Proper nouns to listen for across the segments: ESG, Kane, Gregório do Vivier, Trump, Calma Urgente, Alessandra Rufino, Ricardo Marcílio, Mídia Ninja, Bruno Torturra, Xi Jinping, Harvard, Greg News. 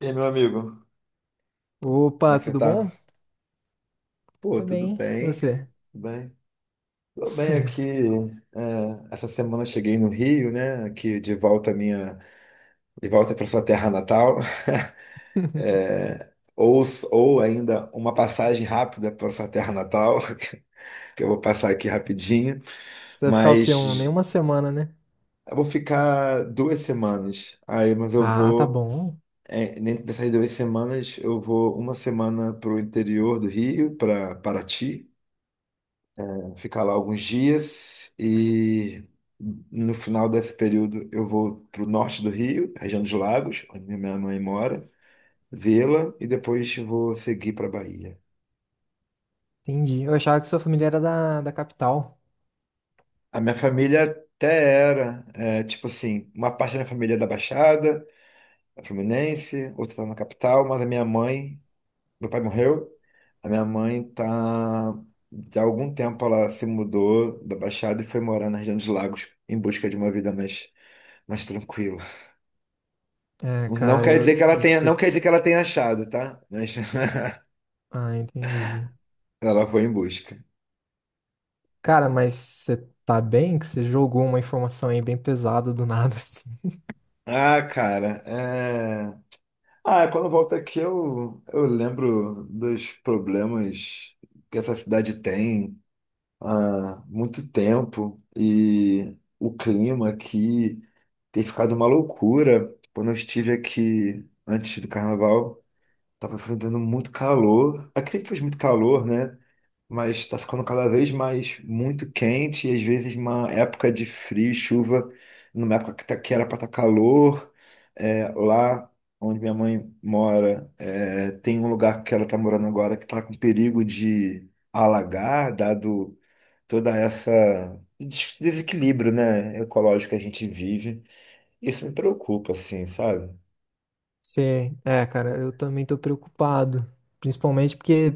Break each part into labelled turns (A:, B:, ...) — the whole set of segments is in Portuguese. A: E aí, meu amigo, como é
B: Opa,
A: que você
B: tudo bom?
A: tá? Pô,
B: Tô
A: tudo
B: bem, e
A: bem?
B: você?
A: Tudo bem? Tô bem aqui. É, essa semana eu cheguei no Rio, né? Aqui de volta à minha, de volta para sua terra natal. É, ou ainda uma passagem rápida para sua terra natal, que eu vou passar aqui rapidinho.
B: Você vai ficar o quê? Nem
A: Mas
B: uma semana, né?
A: eu vou ficar 2 semanas. Aí, mas eu
B: Ah, tá
A: vou,
B: bom.
A: é, dentro dessas 2 semanas, eu vou uma semana para o interior do Rio, para Paraty, ficar lá alguns dias e no final desse período eu vou para o norte do Rio, região dos Lagos, onde minha mãe mora, vê-la e depois vou seguir para a Bahia.
B: Entendi. Eu achava que sua família era da capital.
A: A minha família até era, tipo assim, uma parte da minha família é da Baixada, é Fluminense, outra está na capital, mas a minha mãe, meu pai morreu, a minha mãe tá de algum tempo ela se mudou da Baixada e foi morar na região dos Lagos em busca de uma vida mais, mais tranquila.
B: É,
A: Não
B: cara,
A: quer dizer que
B: eu,
A: ela
B: eu
A: tenha, não
B: escutei.
A: quer dizer que ela tenha achado, tá? Mas
B: Ah, entendi.
A: ela foi em busca.
B: Cara, mas você tá bem? Que você jogou uma informação aí bem pesada do nada, assim.
A: Ah, cara, é. Ah, quando eu volto aqui eu lembro dos problemas que essa cidade tem há muito tempo, e o clima aqui tem ficado uma loucura. Quando eu estive aqui antes do carnaval, tava enfrentando muito calor. Aqui sempre faz muito calor, né? Mas tá ficando cada vez mais muito quente e às vezes uma época de frio, e chuva, numa época que, tá, que era para estar calor. É, lá onde minha mãe mora, tem um lugar que ela tá morando agora que tá com perigo de alagar, dado toda essa desequilíbrio, né, ecológico que a gente vive. Isso me preocupa, assim, sabe?
B: É, cara, eu também tô preocupado. Principalmente porque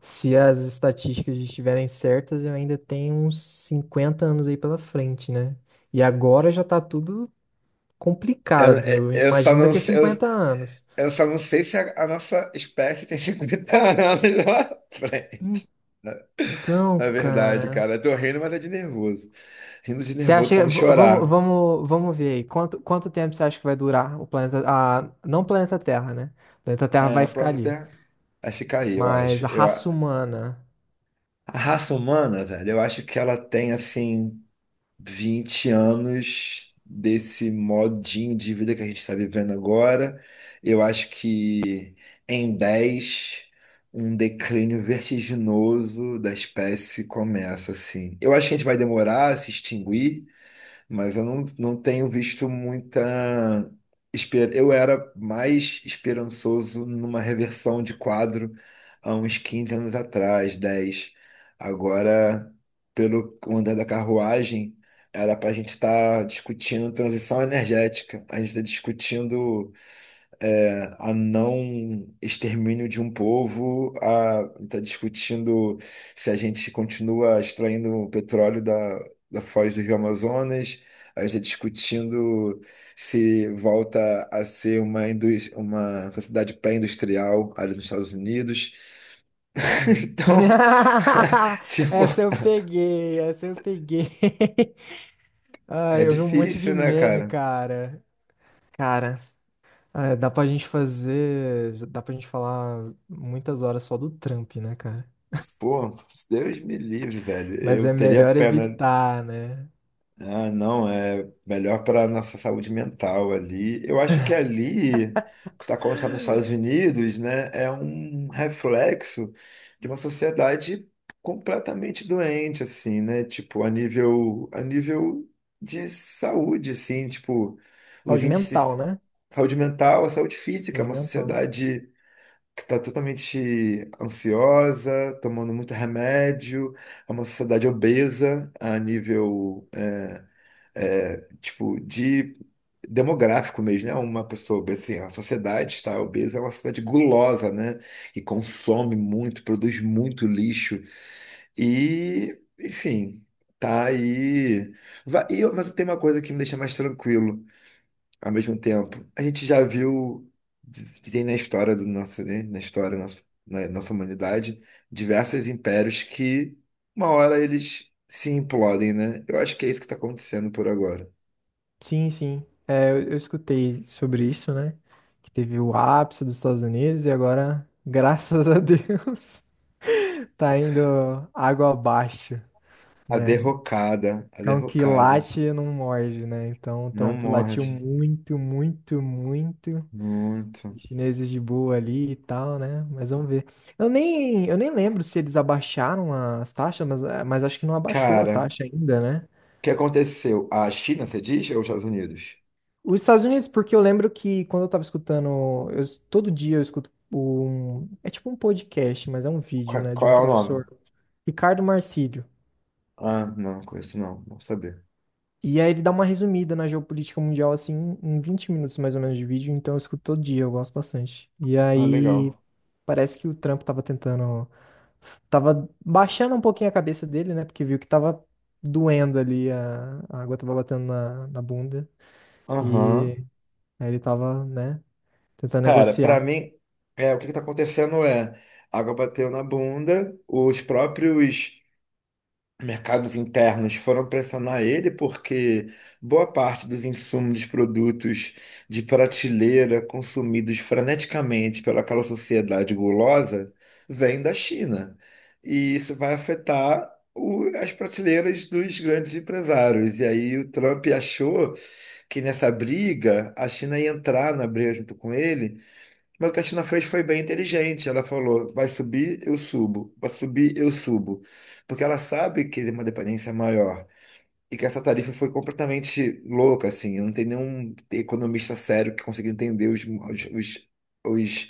B: se as estatísticas estiverem certas, eu ainda tenho uns 50 anos aí pela frente, né? E agora já tá tudo
A: Eu,
B: complicado,
A: eu
B: eu
A: eu só
B: imagino
A: não
B: daqui a
A: sei.
B: 50 anos.
A: Eu só não sei se a nossa espécie tem 50 anos lá na frente. Na na
B: Então,
A: verdade,
B: cara,
A: cara, eu tô rindo, mas é de nervoso. Rindo de
B: você
A: nervoso pra
B: acha,
A: não
B: v- vamos,
A: chorar.
B: vamos, vamos ver aí, quanto tempo você acha que vai durar o planeta, não o planeta Terra, né? O planeta Terra vai
A: É,
B: ficar
A: pronto,
B: ali,
A: até. Aí fica aí, eu acho.
B: mas a
A: Eu,
B: raça humana.
A: a raça humana, velho, eu acho que ela tem assim 20 anos desse modinho de vida que a gente está vivendo agora. Eu acho que em 10 um declínio vertiginoso da espécie começa, assim. Eu acho que a gente vai demorar a se extinguir, mas eu não tenho visto muita. Eu era mais esperançoso numa reversão de quadro há uns 15 anos atrás, 10 agora, pelo andar da carruagem, era para a gente estar discutindo transição energética, a gente está discutindo a não extermínio de um povo, a está discutindo se a gente continua extraindo o petróleo da, da foz do Rio Amazonas, a gente está discutindo se volta a ser uma sociedade pré-industrial ali nos Estados Unidos. Então, tipo,
B: Essa eu peguei, essa eu peguei. Ah,
A: é
B: eu vi um monte de
A: difícil, né,
B: meme,
A: cara?
B: cara. Cara, ah, dá pra gente falar muitas horas só do Trump, né?
A: Pô, Deus me livre, velho.
B: Mas é
A: Eu teria
B: melhor
A: pena.
B: evitar, né?
A: Ah, não, é melhor para a nossa saúde mental ali. Eu acho que ali, o que está acontecendo nos Estados Unidos, né, é um reflexo de uma sociedade completamente doente, assim, né? Tipo, a nível de saúde, assim, tipo, os
B: Saúde mental,
A: índices de
B: né?
A: saúde mental, saúde física, é
B: Saúde
A: uma
B: mental.
A: sociedade que está totalmente ansiosa, tomando muito remédio, é uma sociedade obesa a nível tipo, de demográfico mesmo, né? Uma pessoa obesa, assim, a sociedade está obesa, é uma sociedade gulosa, né? Que consome muito, produz muito lixo e, enfim, tá aí. Mas tem uma coisa que me deixa mais tranquilo ao mesmo tempo. A gente já viu, tem na história do nosso, né? Na história da nossa, na nossa humanidade, diversos impérios que uma hora eles se implodem, né? Eu acho que é isso que está acontecendo por agora.
B: Sim, sim. É, eu escutei sobre isso, né? Que teve o ápice dos Estados Unidos e agora, graças a Deus, tá indo água abaixo,
A: A
B: né?
A: derrocada, a
B: Cão que
A: derrocada.
B: late não morde, né? Então o
A: Não
B: Trump latiu
A: morde.
B: muito, muito, muito.
A: Muito.
B: Chineses de boa ali e tal, né? Mas vamos ver. Eu nem lembro se eles abaixaram as taxas, mas acho que não abaixou a
A: Cara,
B: taxa ainda, né?
A: o que aconteceu? A China, você diz, ou os Estados Unidos?
B: Os Estados Unidos, porque eu lembro que quando eu tava escutando, todo dia eu escuto é tipo um podcast, mas é um vídeo, né, de
A: Qual
B: um
A: é o nome?
B: professor, Ricardo Marcílio.
A: Ah, não, conheço não. Vou saber.
B: E aí ele dá uma resumida na geopolítica mundial, assim, em 20 minutos mais ou menos de vídeo, então eu escuto todo dia, eu gosto bastante. E
A: Ah,
B: aí
A: legal.
B: parece que o Trump tava tentando. Tava baixando um pouquinho a cabeça dele, né? Porque viu que tava doendo ali, a água tava batendo na bunda.
A: Aham.
B: E aí ele tava, né, tentando
A: Cara, pra
B: negociar.
A: mim, o que que tá acontecendo é, a água bateu na bunda, os próprios mercados internos foram pressionar ele porque boa parte dos insumos dos produtos de prateleira consumidos freneticamente pelaquela sociedade gulosa vem da China. E isso vai afetar as prateleiras dos grandes empresários. E aí o Trump achou que nessa briga a China ia entrar na briga junto com ele, mas o que a China fez foi bem inteligente. Ela falou: vai subir, eu subo. Vai subir, eu subo. Porque ela sabe que tem uma dependência maior. E que essa tarifa foi completamente louca, assim. Não tem nenhum economista sério que consiga entender os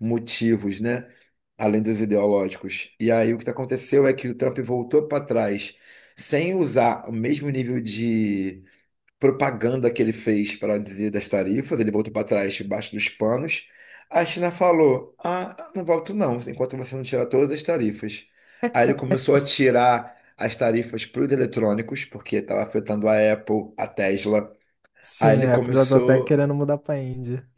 A: motivos, né? Além dos ideológicos. E aí o que aconteceu é que o Trump voltou para trás sem usar o mesmo nível de propaganda que ele fez para dizer das tarifas, ele voltou para trás, debaixo dos panos. A China falou: ah, não volto não, enquanto você não tirar todas as tarifas. Aí ele começou a tirar as tarifas para os eletrônicos, porque estava afetando a Apple, a Tesla. Aí
B: Sim,
A: ele
B: é, já tô até
A: começou,
B: querendo mudar pra Índia.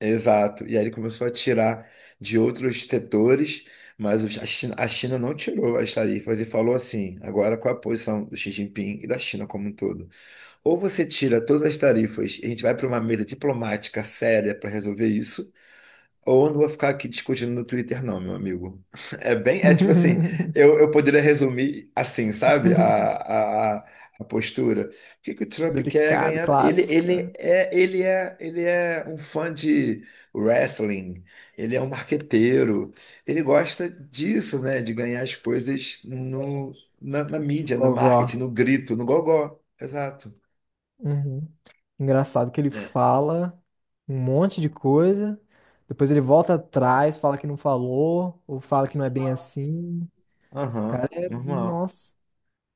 A: exato, e aí ele começou a tirar de outros setores. Mas a China não tirou as tarifas e falou assim, agora qual é a posição do Xi Jinping e da China como um todo? Ou você tira todas as tarifas e a gente vai para uma mesa diplomática séria para resolver isso, ou eu não vou ficar aqui discutindo no Twitter, não, meu amigo. É bem, é tipo assim, eu poderia resumir assim, sabe? A postura. O que que o Trump quer
B: Delicado,
A: ganhar? Ele,
B: clássico.
A: ele é, ele é, ele é um fã de wrestling, ele é um marqueteiro, ele gosta disso, né? De ganhar as coisas na mídia, no marketing,
B: Gogó.
A: no grito, no gogó. Exato.
B: Uhum. Engraçado que ele fala um monte de coisa, depois ele volta atrás, fala que não falou, ou fala que não é bem assim.
A: Aham, normal.
B: Nossa.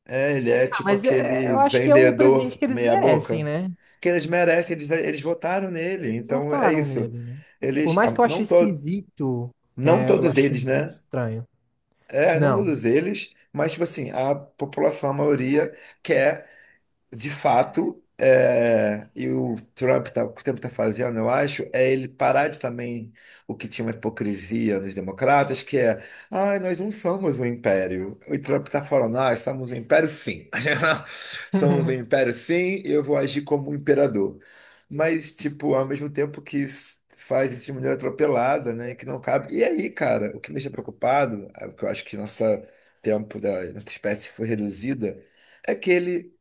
A: É, ele é tipo
B: Mas
A: aquele
B: eu acho que é o
A: vendedor
B: presidente que eles merecem,
A: meia-boca.
B: né?
A: Que eles merecem, eles votaram nele,
B: Eles
A: então é
B: votaram
A: isso.
B: nele, né? Por
A: Eles, ah,
B: mais que eu ache
A: não, to,
B: esquisito,
A: não
B: eu
A: todos
B: acho
A: eles,
B: muito
A: né?
B: estranho.
A: É, não
B: Não.
A: todos eles, mas tipo assim, a população, a maioria, quer de fato, e o Trump, tá, o que o Trump está fazendo, eu acho, é ele parar de também o que tinha uma hipocrisia nos democratas, que é, ai, nós não somos um império. O Trump está falando, ah, somos um império sim. Somos um império sim, e eu vou agir como um imperador. Mas, tipo, ao mesmo tempo que isso faz isso de maneira atropelada, né, que não cabe. E aí, cara, o que me deixa preocupado, é o que eu acho que nosso tempo da nossa espécie foi reduzida, é que ele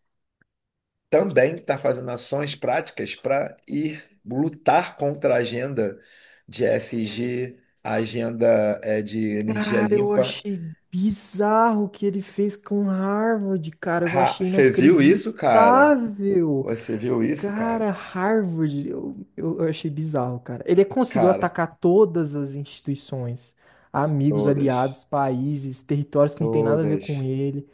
A: também está fazendo ações práticas para ir lutar contra a agenda de ESG, a agenda de energia
B: Cara, eu
A: limpa.
B: achei bizarro o que ele fez com Harvard, cara. Eu
A: Ha,
B: achei
A: você viu isso, cara?
B: inacreditável.
A: Você viu isso, cara?
B: Cara, Harvard, eu achei bizarro, cara. Ele conseguiu
A: Cara,
B: atacar todas as instituições, amigos, aliados,
A: todas,
B: países, territórios que não tem nada a ver com
A: todas,
B: ele.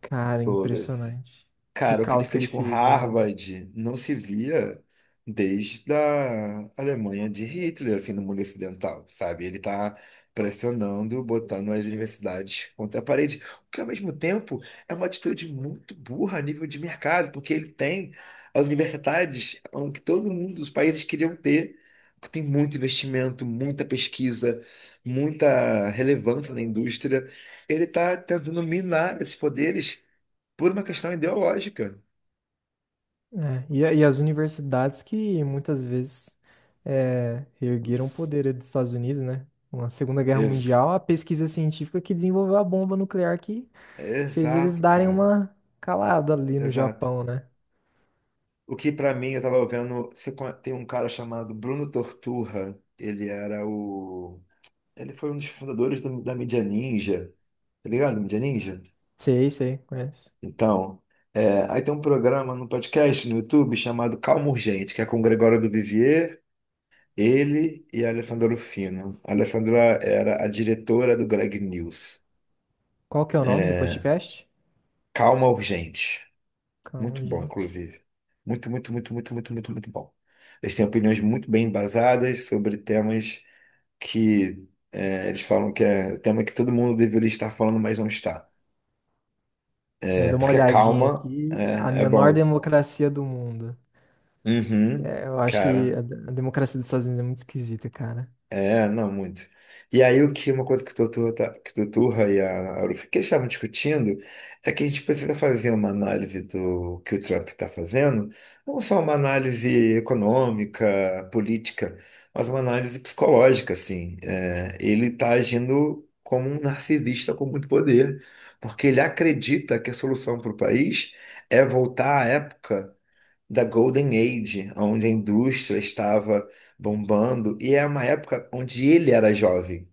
B: Cara,
A: todas.
B: impressionante. Que
A: Cara, o que ele
B: caos que ele
A: fez com
B: fez, mano.
A: Harvard não se via desde a Alemanha de Hitler, assim, no mundo ocidental, sabe? Ele tá pressionando, botando as universidades contra a parede, o que ao mesmo tempo é uma atitude muito burra a nível de mercado, porque ele tem as universidades que todo mundo dos países queriam ter, que tem muito investimento, muita pesquisa, muita relevância na indústria. Ele tá tentando minar esses poderes por uma questão ideológica.
B: É, e as universidades que muitas vezes reergueram o poder dos Estados Unidos, né? Na Segunda Guerra
A: Ex-
B: Mundial, a pesquisa científica que desenvolveu a bomba nuclear que fez eles
A: exato,
B: darem
A: cara.
B: uma calada ali no
A: Exato.
B: Japão, né?
A: O que pra mim eu tava vendo, tem um cara chamado Bruno Torturra, ele era o ele foi um dos fundadores da mídia ninja. Tá ligado? Mídia ninja?
B: Sei, sei, conheço.
A: Então, aí tem um programa no podcast no YouTube chamado Calma Urgente, que é com o Gregório do Vivier, ele e a Alessandra Rufino. A Alessandra era a diretora do Greg News.
B: Qual que é o nome do
A: É,
B: podcast?
A: Calma Urgente.
B: Calma,
A: Muito bom,
B: gente.
A: inclusive. Muito, muito, muito, muito, muito, muito, muito bom. Eles têm opiniões muito bem embasadas sobre temas que eles falam que é tema que todo mundo deveria estar falando, mas não está.
B: Eu
A: É,
B: dou uma
A: porque a
B: olhadinha
A: calma
B: aqui. A
A: é
B: menor
A: bom.
B: democracia do mundo.
A: Uhum,
B: É, eu acho que
A: cara.
B: a democracia dos Estados Unidos é muito esquisita, cara.
A: É, não, muito. E aí, o que uma coisa que o Tuturra, que o Tuturra e a Arufi, que eles estavam discutindo, é que a gente precisa fazer uma análise do que o Trump está fazendo, não só uma análise econômica, política, mas uma análise psicológica, assim. É, ele está agindo como um narcisista com muito poder, porque ele acredita que a solução para o país é voltar à época da Golden Age, onde a indústria estava bombando, e é uma época onde ele era jovem.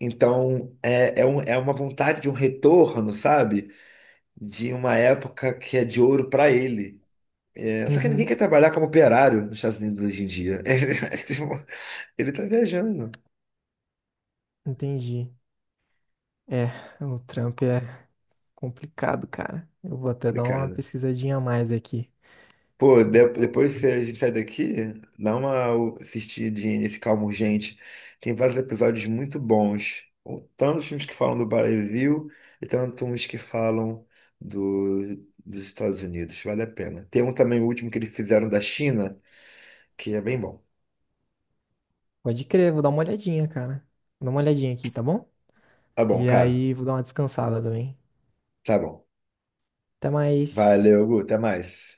A: Então, é uma vontade de um retorno, sabe? De uma época que é de ouro para ele. É, só que ninguém
B: Uhum.
A: quer trabalhar como operário nos Estados Unidos hoje em dia. Ele, tipo, ele tá viajando.
B: Entendi. É, o Trump é complicado, cara. Eu vou até dar uma
A: Complicado.
B: pesquisadinha a mais aqui.
A: Pô,
B: Vou-
A: depois que a gente sai daqui, dá uma assistidinha nesse Calma Urgente. Tem vários episódios muito bons. Tanto os filmes que falam do Brasil e tanto uns que falam do- dos Estados Unidos. Vale a pena. Tem um também, o último que eles fizeram da China, que é bem bom.
B: Pode crer, vou dar uma olhadinha, cara. Vou dar uma olhadinha aqui, tá bom?
A: Tá bom,
B: E
A: cara.
B: aí, vou dar uma descansada também.
A: Tá bom.
B: Até mais.
A: Valeu, Gu. Até mais.